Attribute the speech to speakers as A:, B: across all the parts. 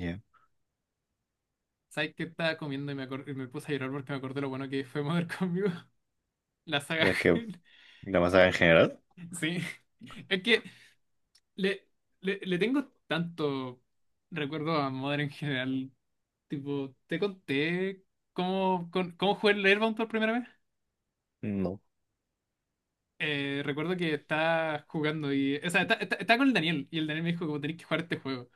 A: Ya.
B: ¿Sabes qué? Estaba comiendo y me puse a llorar porque me acordé lo bueno que fue Mother conmigo. La saga
A: ¿Es que
B: Hell.
A: la masacre en general?
B: Sí, es que le, le tengo tanto recuerdo a Mother en general. Tipo, te conté cómo jugué el Airbound por primera vez.
A: No.
B: Recuerdo que estaba jugando y... O sea, estaba con el Daniel y el Daniel me dijo como tenéis que jugar este juego.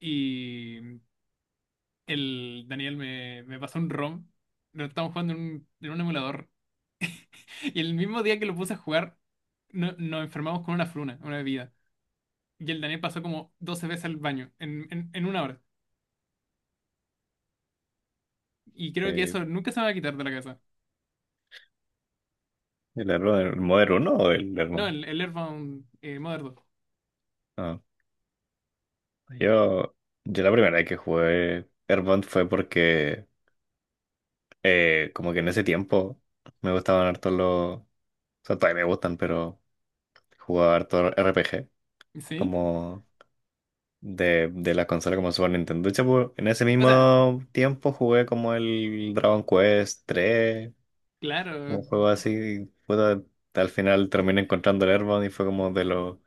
B: Y el Daniel me pasó un ROM. Lo estábamos jugando en un emulador. Y el mismo día que lo puse a jugar, nos enfermamos con una fruna, una bebida. Y el Daniel pasó como 12 veces al baño en, una hora. Y creo que
A: Eh,
B: eso nunca se me va a quitar de la casa.
A: ¿El hermano el modo uno o el
B: No,
A: Airbound?
B: el Earthbound, Mother 2.
A: Ah, yo, yo la primera vez que jugué Airbound fue porque como que en ese tiempo me gustaban harto los... O sea, todavía me gustan, pero jugaba harto RPG
B: ¿Sí?
A: como de la consola como Super Nintendo. De hecho, en ese
B: O sea,
A: mismo tiempo jugué como el Dragon Quest 3,
B: claro,
A: un
B: yo
A: juego así. Y, puta, al final terminé encontrando el Airbound y fue como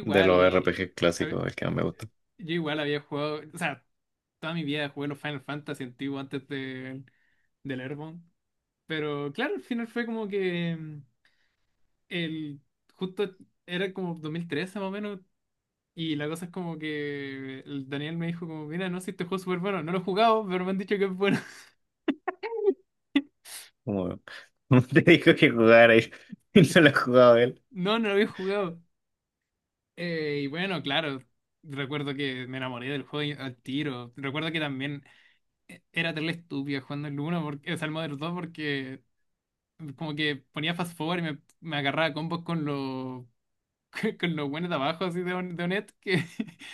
A: de los RPG
B: A ver,
A: clásicos, el que más me gusta.
B: yo igual había jugado. O sea, toda mi vida jugué los Final Fantasy antiguos antes del Earthbound. Pero claro, al final fue como que mm, el. Justo era como 2013 más o menos. Y la cosa es como que el Daniel me dijo como, mira, no sé, este juego es súper bueno. No lo he jugado, pero me han dicho que es bueno.
A: Como, como te dijo que jugar ahí y no lo ha jugado él.
B: No, no lo había jugado. Y bueno, claro, recuerdo que me enamoré del juego al tiro. Recuerdo que también era terrible estúpida jugando el 1, porque, o sea, el Modern 2, porque como que ponía fast forward y me agarraba combos con los con los buenos de abajo, así de, de Onet, que...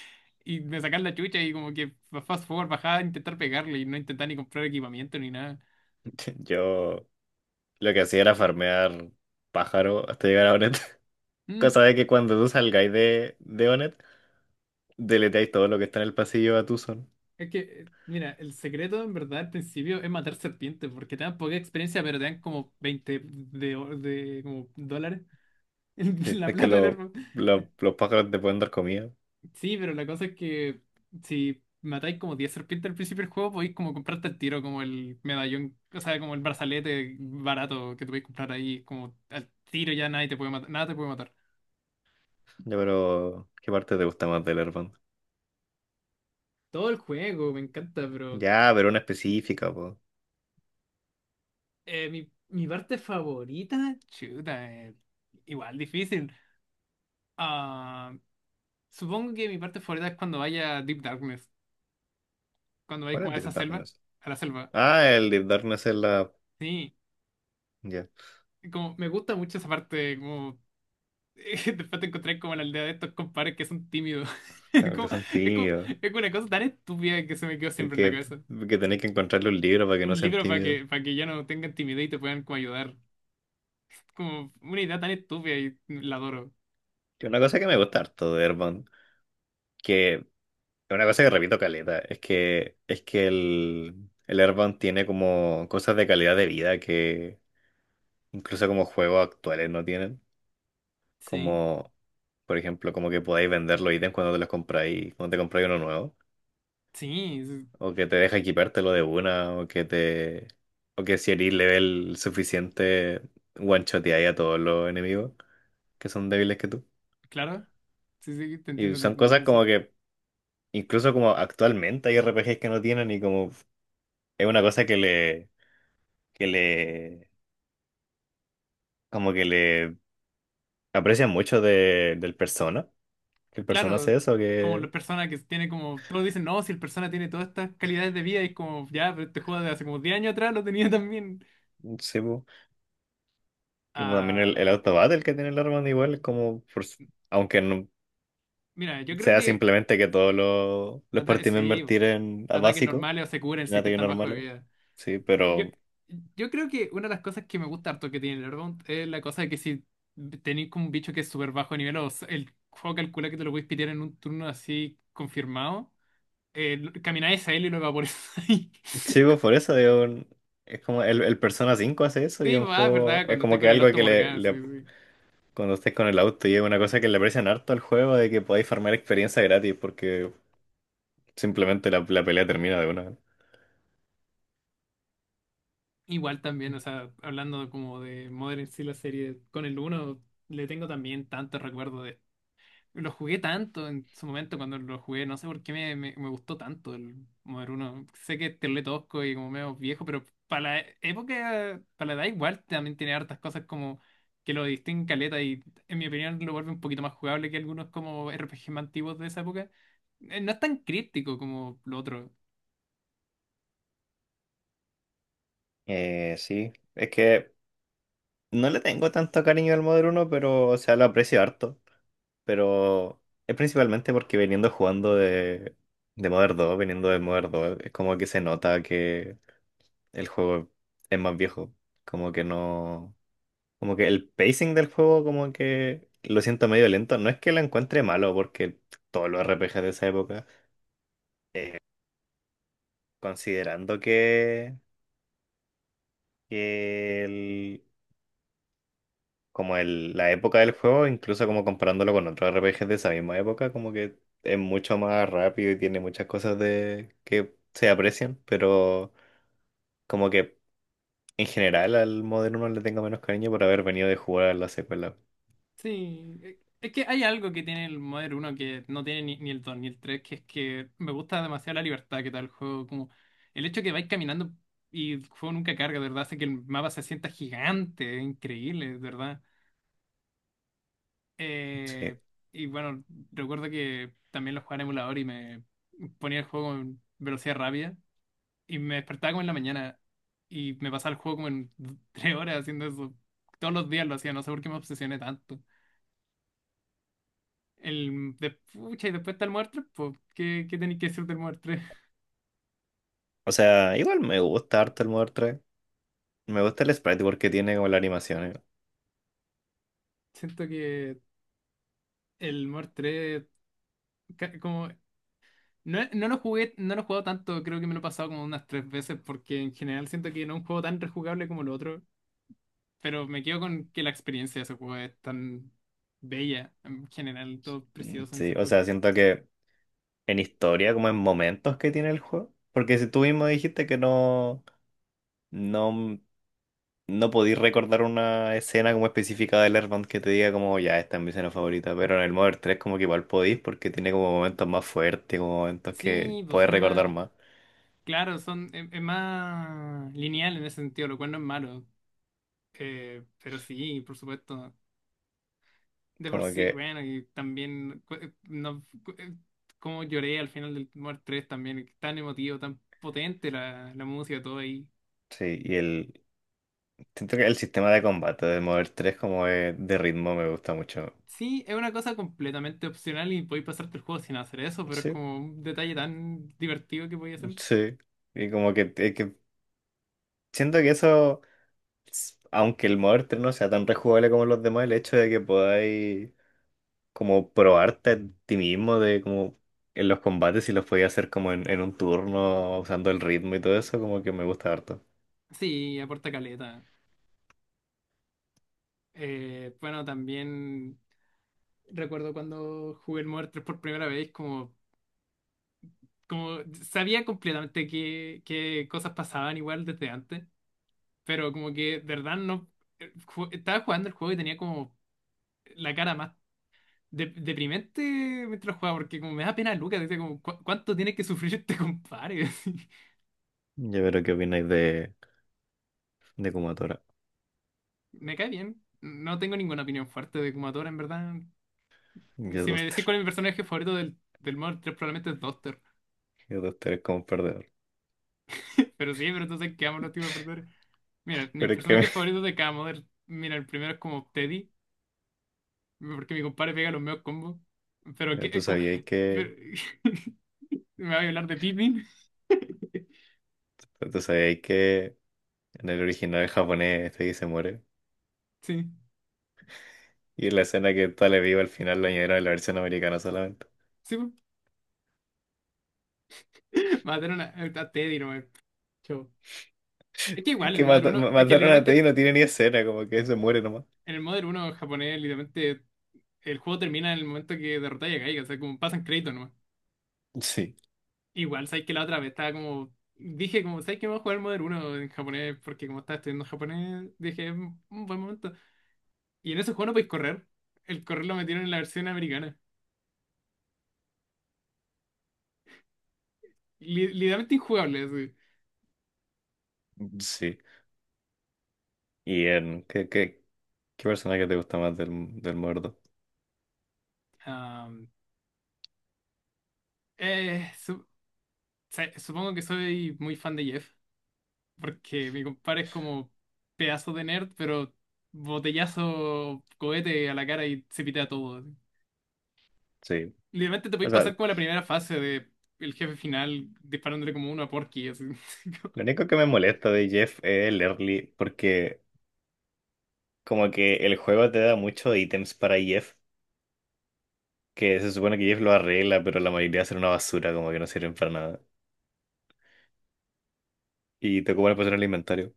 B: Y me sacaban la chucha y como que fast forward bajaba a intentar pegarle y no intentaba ni comprar equipamiento ni nada.
A: Yo lo que hacía era farmear pájaro hasta llegar a Onet.
B: Mm.
A: Cosa de que cuando tú salgáis de Onet, deleteáis todo lo que está en el pasillo a tu son.
B: Es que, mira, el secreto en verdad al principio es matar serpientes, porque te dan poca experiencia, pero te dan como 20 de, de como dólares en
A: Sí.
B: la
A: Es que
B: plata del
A: lo-
B: hermano. Eh,
A: lo- los pájaros te pueden dar comida.
B: Sí, pero la cosa es que si matáis como 10 serpientes al principio del juego, podéis como comprarte al tiro, como el medallón, o sea, como el brazalete barato que te podéis comprar ahí, como al tiro ya nadie te puede matar, nada te puede matar.
A: Ya, pero ¿qué parte te gusta más del Earthbound?
B: Todo el juego me encanta, pero
A: Ya, pero una específica, po.
B: mi parte favorita, chuta, igual difícil. Ah, supongo que mi parte favorita es cuando vaya a Deep Darkness, cuando vaya
A: ¿Cuál
B: como
A: es
B: a esa
A: Deep
B: selva,
A: Darkness?
B: a la selva.
A: Ah, el Deep Darkness es la...
B: Sí,
A: Ya,
B: como me gusta mucho esa parte, como después te encontré como en la aldea de estos compadres que son tímidos. Es
A: claro que
B: como,
A: son
B: es como,
A: tímidos.
B: es una cosa tan estúpida que se me quedó
A: Y
B: siempre en la cabeza.
A: que tenéis que encontrarle un libro para que no
B: Un
A: sean
B: libro para
A: tímidos.
B: para que ya no tengan timidez y te puedan como ayudar. Como una idea tan estúpida y la adoro.
A: Y una cosa que me gusta harto de Airbound, que es una cosa que repito caleta, es que el Airbound tiene como cosas de calidad de vida que incluso como juegos actuales no tienen.
B: Sí,
A: Como, por ejemplo, como que podáis vender los ítems cuando te los compráis, cuando te compráis uno nuevo.
B: sí, sí,
A: O que te deja equipártelo de una, o que te. O que si eres level suficiente, one-shoteáis a todos los enemigos que son débiles que tú.
B: claro. Sí, sí,
A: Y
B: te
A: son
B: entiendo con
A: cosas
B: eso.
A: como que incluso como actualmente hay RPGs que no tienen y como es una cosa que le, como que le aprecian mucho de, del Persona, que el Persona
B: Claro,
A: hace eso,
B: como
A: que
B: la persona que tiene como, todos dicen, no, si el persona tiene todas estas calidades de vida y es como, ya, pero este juego de hace como 10 años atrás lo tenía también.
A: sí, po. Y como también
B: Ah,
A: el Auto Battle que tiene el Armand igual, es como, aunque no
B: mira, yo creo
A: sea
B: que...
A: simplemente que todos los party
B: Sí,
A: members tiren a
B: ataques
A: básico,
B: normales o se curan
A: en
B: si es que
A: ataques
B: están bajo de
A: normales,
B: vida.
A: sí,
B: Yo,
A: pero
B: yo creo que una de las cosas que me gusta harto que tiene el Earthbound es la cosa de que si tenéis como un bicho que es súper bajo de nivel o el juego calcula que te lo puedes pitear en un turno así confirmado, camináis a él y lo evaporáis.
A: sí, po, por eso digo, es como el Persona 5 hace eso y
B: Sí,
A: un
B: va, es
A: juego,
B: verdad,
A: es
B: cuando
A: como
B: esté con
A: que
B: el
A: algo
B: Auto
A: que le,
B: Morgana, sí,
A: le
B: sí.
A: cuando estés con el auto y es una cosa que le aprecian harto al juego de que podáis farmar experiencia gratis porque simplemente la pelea termina de una.
B: Igual también, o sea, hablando como de Modern sí, la serie con el uno le tengo también tanto recuerdo de... Lo jugué tanto en su momento cuando lo jugué, no sé por qué me gustó tanto el Modern uno. Sé que es tosco y como medio viejo, pero para la época, para la edad igual también tiene hartas cosas como que lo distinguen caleta y en mi opinión lo vuelve un poquito más jugable que algunos como RPG más antiguos de esa época. No es tan crítico como lo otro.
A: Sí, es que no le tengo tanto cariño al Modern uno, pero o sea, lo aprecio harto. Pero es principalmente porque viniendo jugando de Modern dos, viniendo de Modern dos, es como que se nota que el juego es más viejo. Como que no. Como que el pacing del juego, como que lo siento medio lento. No es que lo encuentre malo, porque todos los RPGs de esa época. Considerando que el, como la época del juego, incluso como comparándolo con otros RPGs de esa misma época, como que es mucho más rápido y tiene muchas cosas de, que se aprecian, pero como que en general al Modern 1 le tengo menos cariño por haber venido de jugar a la secuela.
B: Sí, es que hay algo que tiene el Modern 1 que no tiene ni el 2 ni el 3, que es que me gusta demasiado la libertad que da el juego. Como el hecho que vais caminando y el juego nunca carga, de verdad, hace que el mapa se sienta gigante, es increíble, de verdad. Eh,
A: Sí.
B: y bueno, recuerdo que también lo jugaba en emulador y me ponía el juego en velocidad rápida y me despertaba como en la mañana y me pasaba el juego como en tres horas haciendo eso. Todos los días lo hacía, no sé por qué me obsesioné tanto. El de, pucha, y después está el Muer 3, pues, ¿qué, qué tenéis que decir del Muer 3?
A: O sea, igual me gusta harto el Modern 3. Me gusta el sprite porque tiene como la animación. Eh.
B: Siento que el Muer 3, ca- como, no, no lo jugué, no lo he jugado tanto, creo que me lo he pasado como unas tres veces, porque en general siento que no es un juego tan rejugable como el otro, pero me quedo con que la experiencia de ese juego es tan bella, en general, todo
A: Mm,
B: precioso en
A: sí,
B: ese
A: o
B: juego.
A: sea, siento que en historia, como en momentos que tiene el juego. Porque si tú mismo dijiste que no. No, no podéis recordar una escena como específica del Airband que te diga como ya esta es mi escena favorita, pero en el Mother tres como que igual podéis porque tiene como momentos más fuertes, como momentos que
B: Sí, pues
A: podéis
B: son
A: recordar
B: más,
A: más.
B: claro, es más lineal en ese sentido, lo cual no es malo, pero sí, por supuesto. De por
A: Como
B: sí,
A: que
B: bueno, y también cu- no, cu- como lloré al final del Mort 3 también, tan emotivo, tan potente la música, todo ahí.
A: sí, y el siento que el sistema de combate del Mother tres como es de ritmo me gusta mucho.
B: Sí, es una cosa completamente opcional y podéis pasarte el juego sin hacer eso, pero es
A: Sí,
B: como un detalle tan divertido que podéis hacer.
A: sí. Y como que, es que siento que eso, aunque el Mother 3 no sea tan rejugable como los demás, el hecho de que podáis como probarte a ti mismo de como en los combates si los podía hacer como en un turno, usando el ritmo y todo eso, como que me gusta harto.
B: Sí, aporta caleta. Bueno, también recuerdo cuando jugué el Mort 3 por primera vez, como sabía completamente qué cosas pasaban igual desde antes. Pero como que, de verdad, no. Estaba jugando el juego y tenía como la cara más deprimente mientras jugaba, porque como me da pena Lucas, decía como, ¿cuánto tiene que sufrir este compadre?" Así.
A: Ya veré qué opináis de Kumatora.
B: Me cae bien. No tengo ninguna opinión fuerte de Kumatora, en verdad.
A: Yo
B: Si me decís
A: Duster.
B: cuál es mi personaje favorito del Modern 3 probablemente es Doctor.
A: Yo Duster es como un perdedor.
B: Pero sí, pero entonces quedamos los tipos de perder. Mira, mi
A: Pero es que
B: personaje favorito de cada Modern, mira, el primero es como Teddy, porque mi compadre pega los mejores combos. Pero que,
A: me- tú
B: es como,
A: sabías
B: pero-
A: que,
B: me va a hablar de Pippin,
A: tú sabías que en el original japonés este que se muere.
B: sí.
A: Y en la escena que está le vivo al final lo añadieron en la versión americana solamente.
B: Sí, po. Matar a una, a Teddy nomás. Chao. Es que igual el
A: Que
B: Modern uno es que
A: mataron a Teddy y
B: literalmente
A: no tiene ni escena, como que se muere nomás.
B: en el Modern uno japonés, literalmente el juego termina en el momento que derrotáis a Gaiga, o sea, como pasan créditos nomás.
A: Sí,
B: Igual, sabes que la otra vez estaba como, dije como, sabes que vamos a jugar el Modern uno en japonés, porque como estaba estudiando japonés, dije, es un buen momento. Y en ese juego no podéis correr, el correr lo metieron en la versión americana. Literalmente injugable, así.
A: sí. Y en, ¿qué, ¿qué personaje te gusta más del, del muerto?
B: Am, eh, su- Supongo que soy muy fan de Jeff, porque mi compadre es como pedazo de nerd, pero botellazo, cohete a la cara y se pitea todo. Así.
A: Sí.
B: Literalmente te
A: O
B: podéis
A: sea,
B: pasar como la primera fase de el jefe final disparándole como uno a Porky. Así.
A: lo único que me molesta de Jeff es el early, porque como que el juego te da muchos ítems para Jeff, que se supone que Jeff lo arregla, pero la mayoría son una basura, como que no sirven para nada. Y te ocupan el posición en el inventario,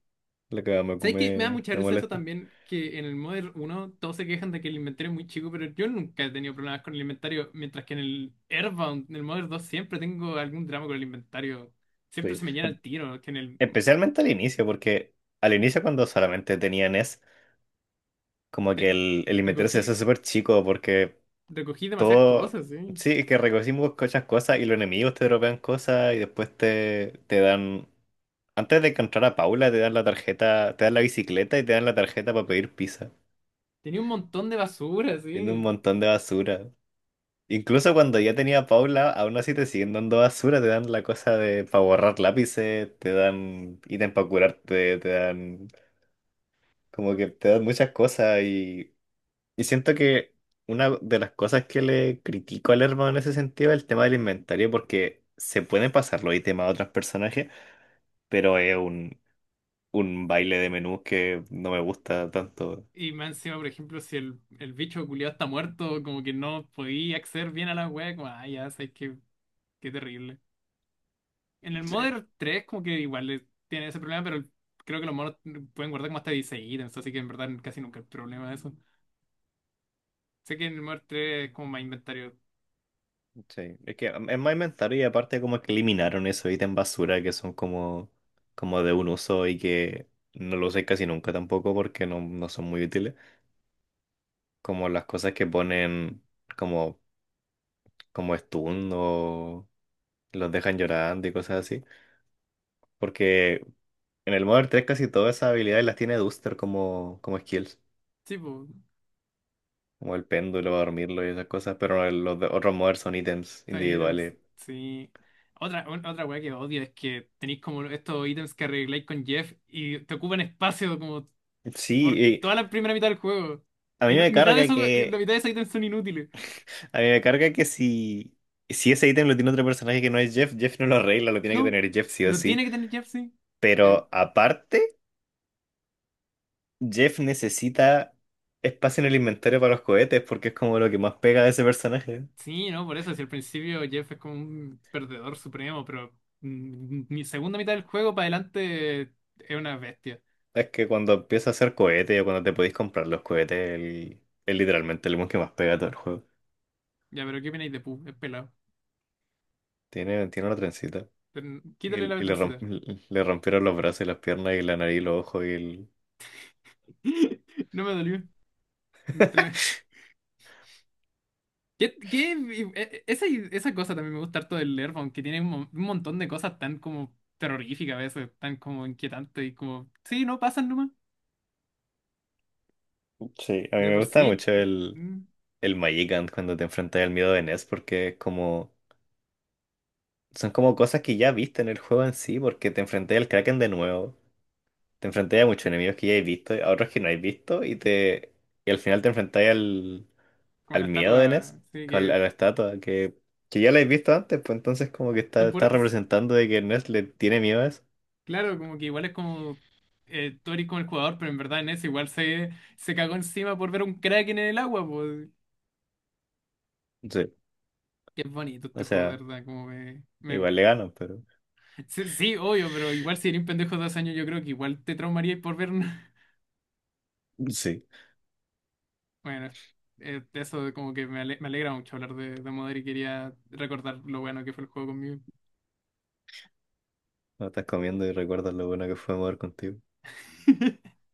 A: lo que
B: ¿Sabes qué? Me da mucha
A: me
B: risa eso
A: molesta.
B: también, que en el Modern uno todos se quejan de que el inventario es muy chico, pero yo nunca he tenido problemas con el inventario, mientras que en el Airbound, en el Modern 2, siempre tengo algún drama con el inventario. Siempre
A: Sí.
B: se me llena el tiro, que en el...
A: Especialmente al inicio, porque al inicio cuando solamente tenía NES, como que
B: te-
A: el inventario se hace
B: Recogí,
A: súper chico, porque
B: recogí demasiadas
A: todo,
B: cosas, sí.
A: sí, es que recogimos muchas cosas y los enemigos te dropean cosas y después te dan, antes de encontrar a Paula, te dan la tarjeta, te dan la bicicleta y te dan la tarjeta para pedir pizza.
B: Tenía un montón de basura,
A: Tiene un
B: sí.
A: montón de basura. Incluso cuando ya tenía a Paula, aún así te siguen dando basura, te dan la cosa de para borrar lápices, te dan ítem para curarte, te dan, como que te dan muchas cosas y siento que una de las cosas que le critico al hermano en ese sentido es el tema del inventario, porque se pueden pasar los ítems a otros personajes, pero es un baile de menús que no me gusta tanto.
B: Y más encima, por ejemplo, si el bicho culiado está muerto, como que no podía acceder bien a la wea, como, ah, ya, sabes que qué terrible. En el
A: Sí,
B: Modern 3 como que igual tiene ese problema, pero creo que los monos pueden guardar como hasta 16 ítems, así que en verdad casi nunca hay problema de eso. Sé que en el Modern tres es como más inventario.
A: sí. Es que mm, es más inventario y aparte como que eliminaron esos ítems basura que son como, como de un uso y que no lo usé casi nunca tampoco porque no, no son muy útiles. Como las cosas que ponen como, como stun o los dejan llorando y cosas así. Porque en el Modern tres casi todas esas habilidades las tiene Duster como, como skills,
B: Sí, pues,
A: como el péndulo, dormirlo y esas cosas, pero los otros Modern son ítems
B: 6
A: individuales.
B: ítems, sí. Otra, otra wea que odio es que tenéis como estos ítems que arregláis con Jeff y te ocupan espacio, como
A: Sí,
B: por
A: y
B: toda la primera mitad del juego.
A: a
B: Y
A: mí
B: la
A: me
B: mitad de
A: carga
B: esos, y la
A: que,
B: mitad de esos ítems son inútiles.
A: a mí me carga que si, si ese ítem lo tiene otro personaje que no es Jeff, Jeff no lo arregla, lo tiene que
B: No,
A: tener Jeff sí o
B: lo
A: sí.
B: tiene que tener Jeff, sí. Eh,
A: Pero aparte, Jeff necesita espacio en el inventario para los cohetes porque es como lo que más pega de ese personaje.
B: sí, no, por eso, si al principio Jeff es como un perdedor supremo, pero mi segunda mitad del juego para adelante es una bestia.
A: Es que cuando empieza a hacer cohetes o cuando te podéis comprar los cohetes, él es literalmente el mon que más pega a todo el juego.
B: Ya, pero ¿qué opináis de Pu? Es pelado.
A: Tiene, tiene una trencita.
B: Quítale la
A: Y le,
B: vetercita.
A: le rompieron los brazos y las piernas y la nariz y los ojos y el...
B: No me dolió. ¿Qué, qué- eh, esa, Esa cosa también me gusta harto del Airbound, que tiene un, un montón de cosas tan como terroríficas a veces, tan como inquietantes y como, sí, no pasan nomás.
A: Sí, a mí
B: De
A: me
B: por sí,
A: gusta mucho
B: mm,
A: el Magikant cuando te enfrentas al miedo de Ness porque es como... Son como cosas que ya viste en el juego en sí porque te enfrentas al Kraken de nuevo. Te enfrentas a muchos enemigos que ya has visto, a otros que no has visto y te... Y al final te enfrentas al...
B: como
A: al
B: la
A: miedo de Ness,
B: estatua, sí,
A: con a
B: que
A: la estatua, que ya la he visto antes, pues entonces como que está,
B: son
A: está representando de que Ness le tiene miedo a eso.
B: claro, como que igual es como tú eres como el jugador, pero en verdad en ese igual se cagó encima por ver un Kraken en el agua, pues.
A: Sí.
B: Qué bonito
A: O
B: este juego, de
A: sea,
B: verdad,
A: igual le ganan, pero
B: Sí, sí, obvio, pero igual si eres un pendejo de 2 años, yo creo que igual te traumaría por ver un...
A: sí.
B: Bueno, eso de como que me alegra mucho hablar de Modern y quería recordar lo bueno que fue el juego conmigo.
A: No estás comiendo y recuerdas lo bueno que fue mover contigo.